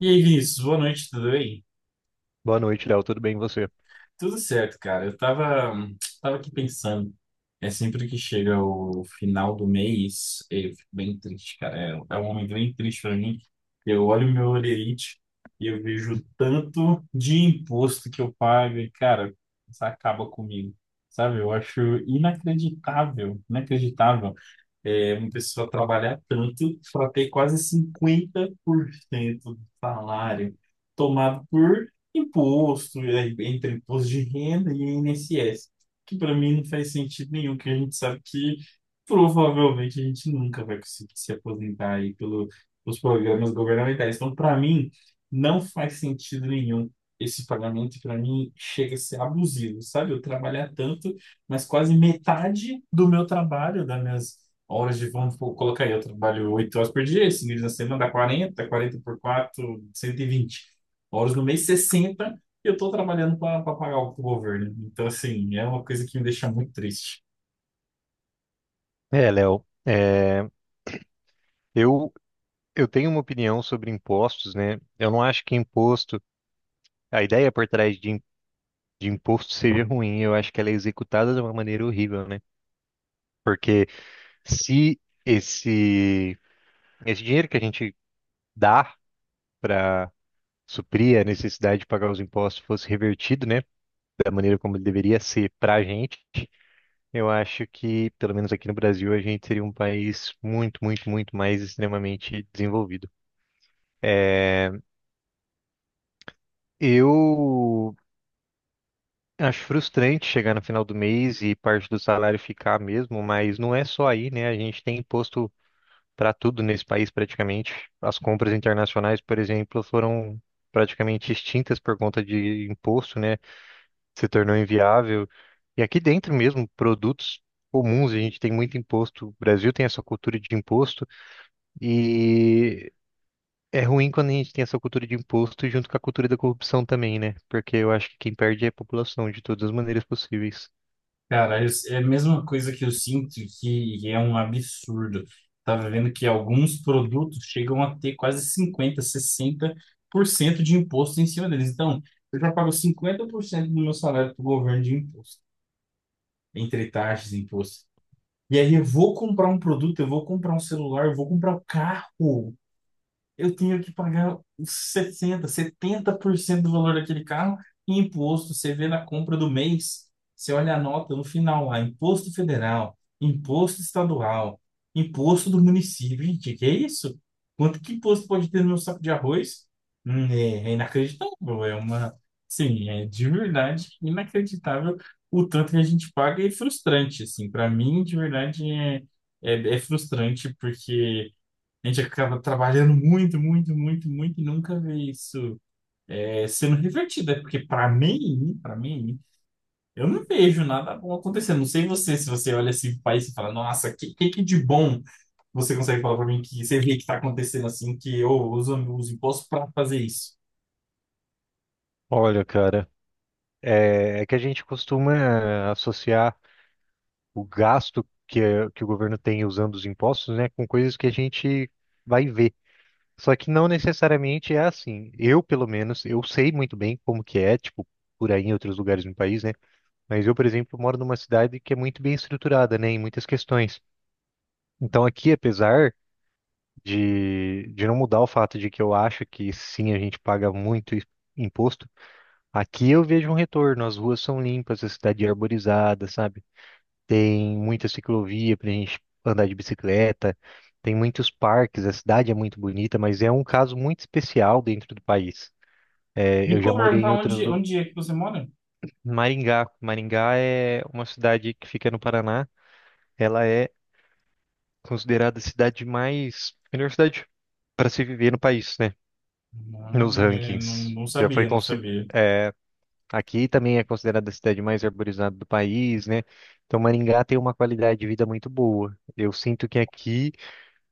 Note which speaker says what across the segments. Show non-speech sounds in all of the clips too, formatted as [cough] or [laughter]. Speaker 1: E aí, Vinícius, boa noite, tudo bem?
Speaker 2: Boa noite, Léo. Tudo bem e você?
Speaker 1: Tudo certo, cara. Eu tava aqui pensando. Sempre que chega o final do mês, eu fico bem triste, cara. É um momento bem triste pra mim. Eu olho meu holerite e eu vejo tanto de imposto que eu pago e, cara, isso acaba comigo, sabe? Eu acho inacreditável, uma pessoa trabalhar tanto para ter quase 50% do salário tomado por imposto, entre imposto de renda e INSS, que para mim não faz sentido nenhum, que a gente sabe que provavelmente a gente nunca vai conseguir se aposentar aí pelos programas governamentais. Então, para mim, não faz sentido nenhum. Esse pagamento, para mim, chega a ser abusivo, sabe? Eu trabalhar tanto, mas quase metade do meu trabalho, das minhas horas de, vamos pô, colocar aí, eu trabalho 8 horas por dia, 5 dias na semana dá 40, quarenta por quatro 120 horas no mês, 60 e eu tô trabalhando para pagar o governo. Então, assim, é uma coisa que me deixa muito triste.
Speaker 2: É, Léo, é, eu, eu tenho uma opinião sobre impostos, né? Eu não acho que a ideia por trás de imposto seja ruim, eu acho que ela é executada de uma maneira horrível, né? Porque se esse, esse dinheiro que a gente dá para suprir a necessidade de pagar os impostos fosse revertido, né? Da maneira como ele deveria ser para a gente, eu acho que, pelo menos aqui no Brasil, a gente seria um país muito, muito, muito mais extremamente desenvolvido. É, eu acho frustrante chegar no final do mês e parte do salário ficar mesmo, mas não é só aí, né? A gente tem imposto para tudo nesse país praticamente. As compras internacionais, por exemplo, foram praticamente extintas por conta de imposto, né? Se tornou inviável. E aqui dentro mesmo, produtos comuns, a gente tem muito imposto. O Brasil tem essa cultura de imposto e é ruim quando a gente tem essa cultura de imposto junto com a cultura da corrupção também, né? Porque eu acho que quem perde é a população de todas as maneiras possíveis.
Speaker 1: É a mesma coisa que eu sinto, que é um absurdo. Tava vendo que alguns produtos chegam a ter quase 50-60% de imposto em cima deles. Então, eu já pago 50% do meu salário para o governo de imposto, entre taxas e impostos. E aí eu vou comprar um produto, eu vou comprar um celular, eu vou comprar um carro, eu tinha que pagar os 60, 70% do valor daquele carro em imposto. Você vê na compra do mês, você olha a nota no final lá, imposto federal, imposto estadual, imposto do município. Gente, que é isso? Quanto que imposto pode ter no meu saco de arroz? É inacreditável, sim, é de verdade inacreditável o tanto que a gente paga e é frustrante, assim, para mim, de verdade, é frustrante porque a gente acaba trabalhando muito, muito, muito, muito e nunca vê isso sendo revertido. É porque, para mim, eu não vejo nada bom acontecendo. Não sei você, se você olha esse país e fala, nossa, que de bom você consegue falar para mim que você vê que está acontecendo assim, que eu uso os impostos para fazer isso?
Speaker 2: Olha, cara, é que a gente costuma associar o gasto que o governo tem usando os impostos, né, com coisas que a gente vai ver. Só que não necessariamente é assim. Eu, pelo menos, eu sei muito bem como que é, tipo, por aí em outros lugares no país, né? Mas eu, por exemplo, moro numa cidade que é muito bem estruturada, né, em muitas questões. Então aqui, apesar de não mudar o fato de que eu acho que sim, a gente paga muito imposto. Aqui eu vejo um retorno, as ruas são limpas, a cidade é arborizada, sabe? Tem muita ciclovia pra gente andar de bicicleta, tem muitos parques, a cidade é muito bonita, mas é um caso muito especial dentro do país. É, eu já
Speaker 1: Desculpa
Speaker 2: morei em
Speaker 1: perguntar
Speaker 2: outros
Speaker 1: onde,
Speaker 2: lu-
Speaker 1: onde é que você mora?
Speaker 2: Maringá. Maringá é uma cidade que fica no Paraná. Ela é considerada a cidade mais, melhor cidade para se viver no país, né? Nos
Speaker 1: Não, não,
Speaker 2: rankings.
Speaker 1: não
Speaker 2: Já foi
Speaker 1: sabia, não
Speaker 2: consi-
Speaker 1: sabia.
Speaker 2: é, Aqui também é considerada a cidade mais arborizada do país, né? Então Maringá tem uma qualidade de vida muito boa. Eu sinto que aqui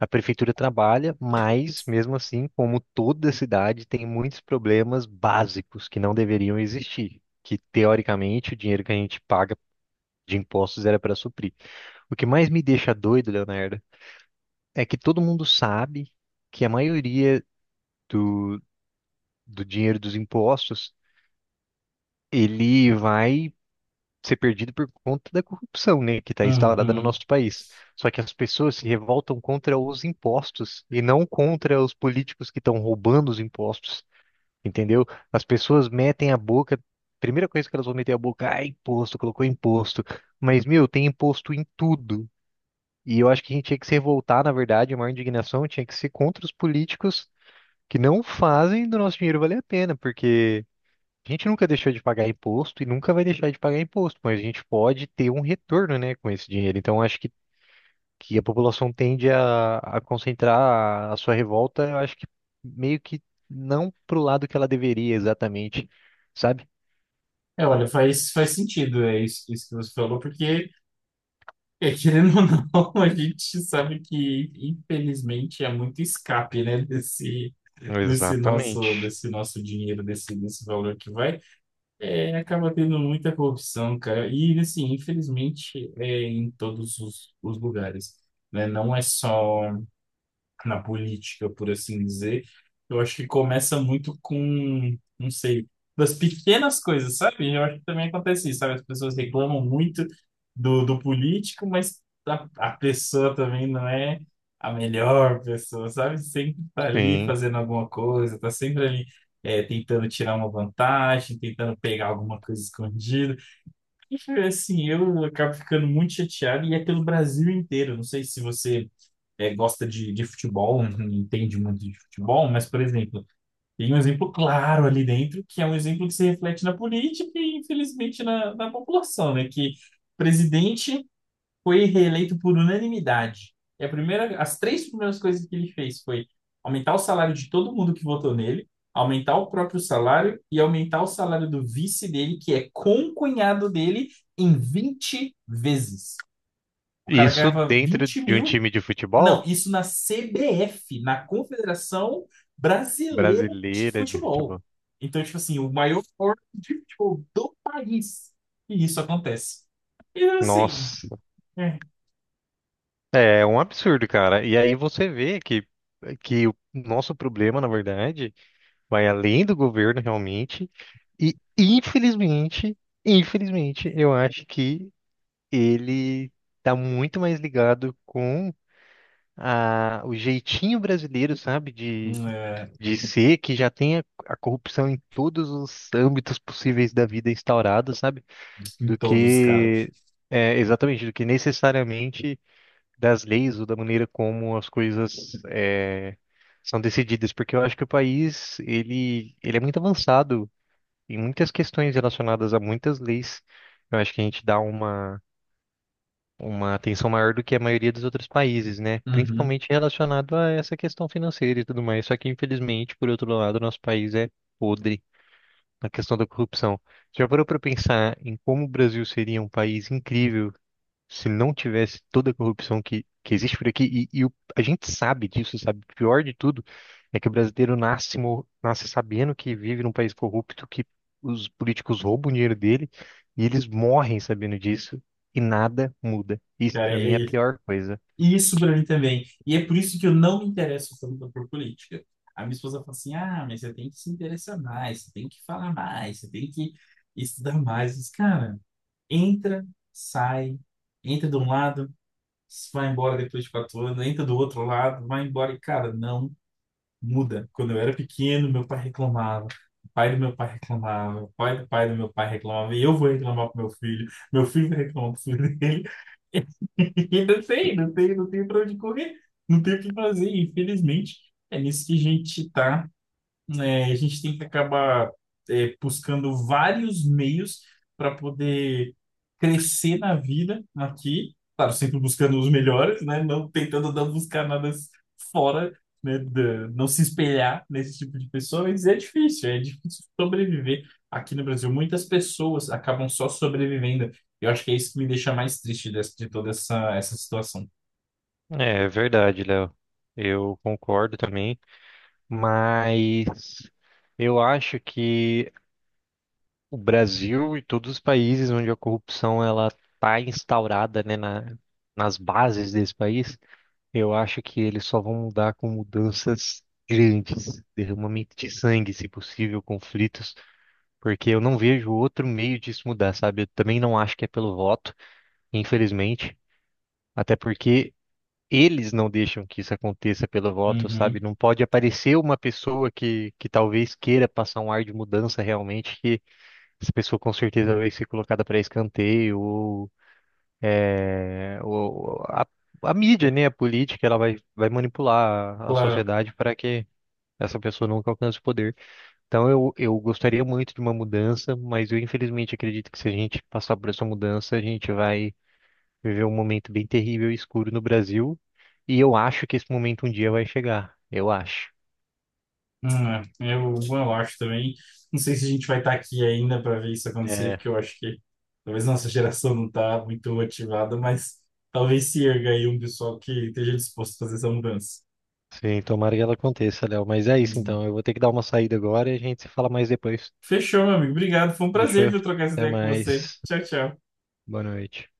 Speaker 2: a prefeitura trabalha, mas mesmo assim, como toda cidade, tem muitos problemas básicos que não deveriam existir, que teoricamente o dinheiro que a gente paga de impostos era para suprir. O que mais me deixa doido, Leonardo, é que todo mundo sabe que a maioria do, do dinheiro dos impostos ele vai ser perdido por conta da corrupção, né, que está instalada no
Speaker 1: Uhum.
Speaker 2: nosso país. Só que as pessoas se revoltam contra os impostos e não contra os políticos que estão roubando os impostos, entendeu? As pessoas metem a boca, primeira coisa que elas vão meter a boca, ah, imposto, colocou imposto. Mas, meu, tem imposto em tudo. E eu acho que a gente tinha que se revoltar, na verdade, a maior indignação tinha que ser contra os políticos que não fazem do nosso dinheiro valer a pena, porque a gente nunca deixou de pagar imposto e nunca vai deixar de pagar imposto, mas a gente pode ter um retorno, né, com esse dinheiro. Então, acho que a população tende a concentrar a sua revolta, eu acho que meio que não pro lado que ela deveria exatamente, sabe?
Speaker 1: É, olha, faz sentido é isso que você falou, porque, é, querendo ou não, [laughs] a gente sabe que, infelizmente, muito escape, né, desse, desse nosso,
Speaker 2: Exatamente.
Speaker 1: desse nosso dinheiro, desse valor que vai. É, acaba tendo muita corrupção, cara. E, assim, infelizmente, é em todos os lugares, né? Não é só na política, por assim dizer, eu acho que começa muito com, não sei, das pequenas coisas, sabe? Eu acho que também acontece isso, sabe? As pessoas reclamam muito do político, mas a pessoa também não é a melhor pessoa, sabe? Sempre tá ali
Speaker 2: Sim.
Speaker 1: fazendo alguma coisa, tá sempre ali, tentando tirar uma vantagem, tentando pegar alguma coisa escondida. Enfim, assim, eu acabo ficando muito chateado e é pelo Brasil inteiro. Não sei se você, gosta de futebol, não entende muito de futebol, mas, por exemplo, tem um exemplo claro ali dentro, que é um exemplo que se reflete na política e, infelizmente, na população, né? Que o presidente foi reeleito por unanimidade. E as três primeiras coisas que ele fez foi aumentar o salário de todo mundo que votou nele, aumentar o próprio salário e aumentar o salário do vice dele, que é concunhado dele, em 20 vezes. O cara
Speaker 2: Isso
Speaker 1: ganhava
Speaker 2: dentro
Speaker 1: 20
Speaker 2: de um
Speaker 1: mil,
Speaker 2: time de futebol?
Speaker 1: não, isso na CBF, na Confederação Brasileira de
Speaker 2: Brasileira de
Speaker 1: Futebol.
Speaker 2: futebol.
Speaker 1: Então, tipo assim, o maior órgão de futebol do país. E isso acontece. E assim,
Speaker 2: Nossa.
Speaker 1: é,
Speaker 2: É um absurdo, cara. E aí você vê que o nosso problema, na verdade, vai além do governo realmente. E infelizmente, infelizmente, eu acho que ele tá muito mais ligado com o jeitinho brasileiro, sabe,
Speaker 1: é,
Speaker 2: de ser, que já tem a corrupção em todos os âmbitos possíveis da vida instaurada, sabe,
Speaker 1: em
Speaker 2: do
Speaker 1: todos, cara.
Speaker 2: que do que necessariamente das leis ou da maneira como as coisas são decididas, porque eu acho que o país ele é muito avançado, tem muitas questões relacionadas a muitas leis. Eu acho que a gente dá uma atenção maior do que a maioria dos outros países, né?
Speaker 1: Uhum.
Speaker 2: Principalmente relacionado a essa questão financeira e tudo mais. Só que, infelizmente, por outro lado, nosso país é podre na questão da corrupção. Você já parou para pensar em como o Brasil seria um país incrível se não tivesse toda a corrupção que existe por aqui, e a gente sabe disso, sabe? O pior de tudo é que o brasileiro nasce sabendo que vive num país corrupto, que os políticos roubam o dinheiro dele, e eles morrem sabendo disso, e nada muda. Isso,
Speaker 1: Cara,
Speaker 2: pra mim, é a
Speaker 1: é
Speaker 2: pior coisa.
Speaker 1: isso pra mim também. E é por isso que eu não me interesso tanto por política. A minha esposa fala assim: ah, mas você tem que se interessar mais, você tem que falar mais, você tem que estudar mais. Mas, cara, entra, sai, entra de um lado, se vai embora depois de 4 anos, entra do outro lado, vai embora e, cara, não muda. Quando eu era pequeno, meu pai reclamava. O pai do meu pai reclamava, o pai do meu pai reclamava, e eu vou reclamar pro meu filho vai reclamar pro filho dele, [laughs] e não sei, não tem pra onde correr, não tem o que fazer, infelizmente, é nisso que a gente tá, né, a gente tem que acabar, buscando vários meios para poder crescer na vida aqui, claro, sempre buscando os melhores, né, não tentando não buscar nada s- fora, né, não se espelhar nesse tipo de pessoas. É difícil, é difícil sobreviver aqui no Brasil. Muitas pessoas acabam só sobrevivendo. Eu acho que é isso que me deixa mais triste de toda essa situação.
Speaker 2: É verdade, Léo. Eu concordo também. Mas eu acho que o Brasil e todos os países onde a corrupção ela está instaurada, né, nas bases desse país, eu acho que eles só vão mudar com mudanças grandes, derramamento de sangue, se possível, conflitos, porque eu não vejo outro meio disso mudar, sabe? Eu também não acho que é pelo voto, infelizmente, até porque eles não deixam que isso aconteça pelo voto, sabe?
Speaker 1: Uhum,
Speaker 2: Não pode aparecer uma pessoa que talvez queira passar um ar de mudança realmente que essa pessoa com certeza vai ser colocada para escanteio, ou, é, ou a mídia, né, a política, ela vai, vai manipular a
Speaker 1: claro.
Speaker 2: sociedade para que essa pessoa nunca alcance o poder. Então eu gostaria muito de uma mudança, mas eu infelizmente acredito que se a gente passar por essa mudança, a gente vai viver um momento bem terrível e escuro no Brasil, e eu acho que esse momento um dia vai chegar, eu acho.
Speaker 1: Hum, é, eu acho também. Não sei se a gente vai estar aqui ainda para ver isso acontecer,
Speaker 2: É,
Speaker 1: porque eu acho que talvez nossa [laughs] geração não está muito motivada, mas talvez se erga aí um pessoal que esteja disposto a fazer essa mudança.
Speaker 2: sim, tomara que ela aconteça, Léo. Mas é isso
Speaker 1: Hum.
Speaker 2: então, eu vou ter que dar uma saída agora e a gente se fala mais depois.
Speaker 1: Fechou, meu amigo. Obrigado. Foi um prazer,
Speaker 2: Fechou?
Speaker 1: viu, trocar essa
Speaker 2: Até
Speaker 1: ideia com você.
Speaker 2: mais.
Speaker 1: Tchau, tchau.
Speaker 2: Boa noite.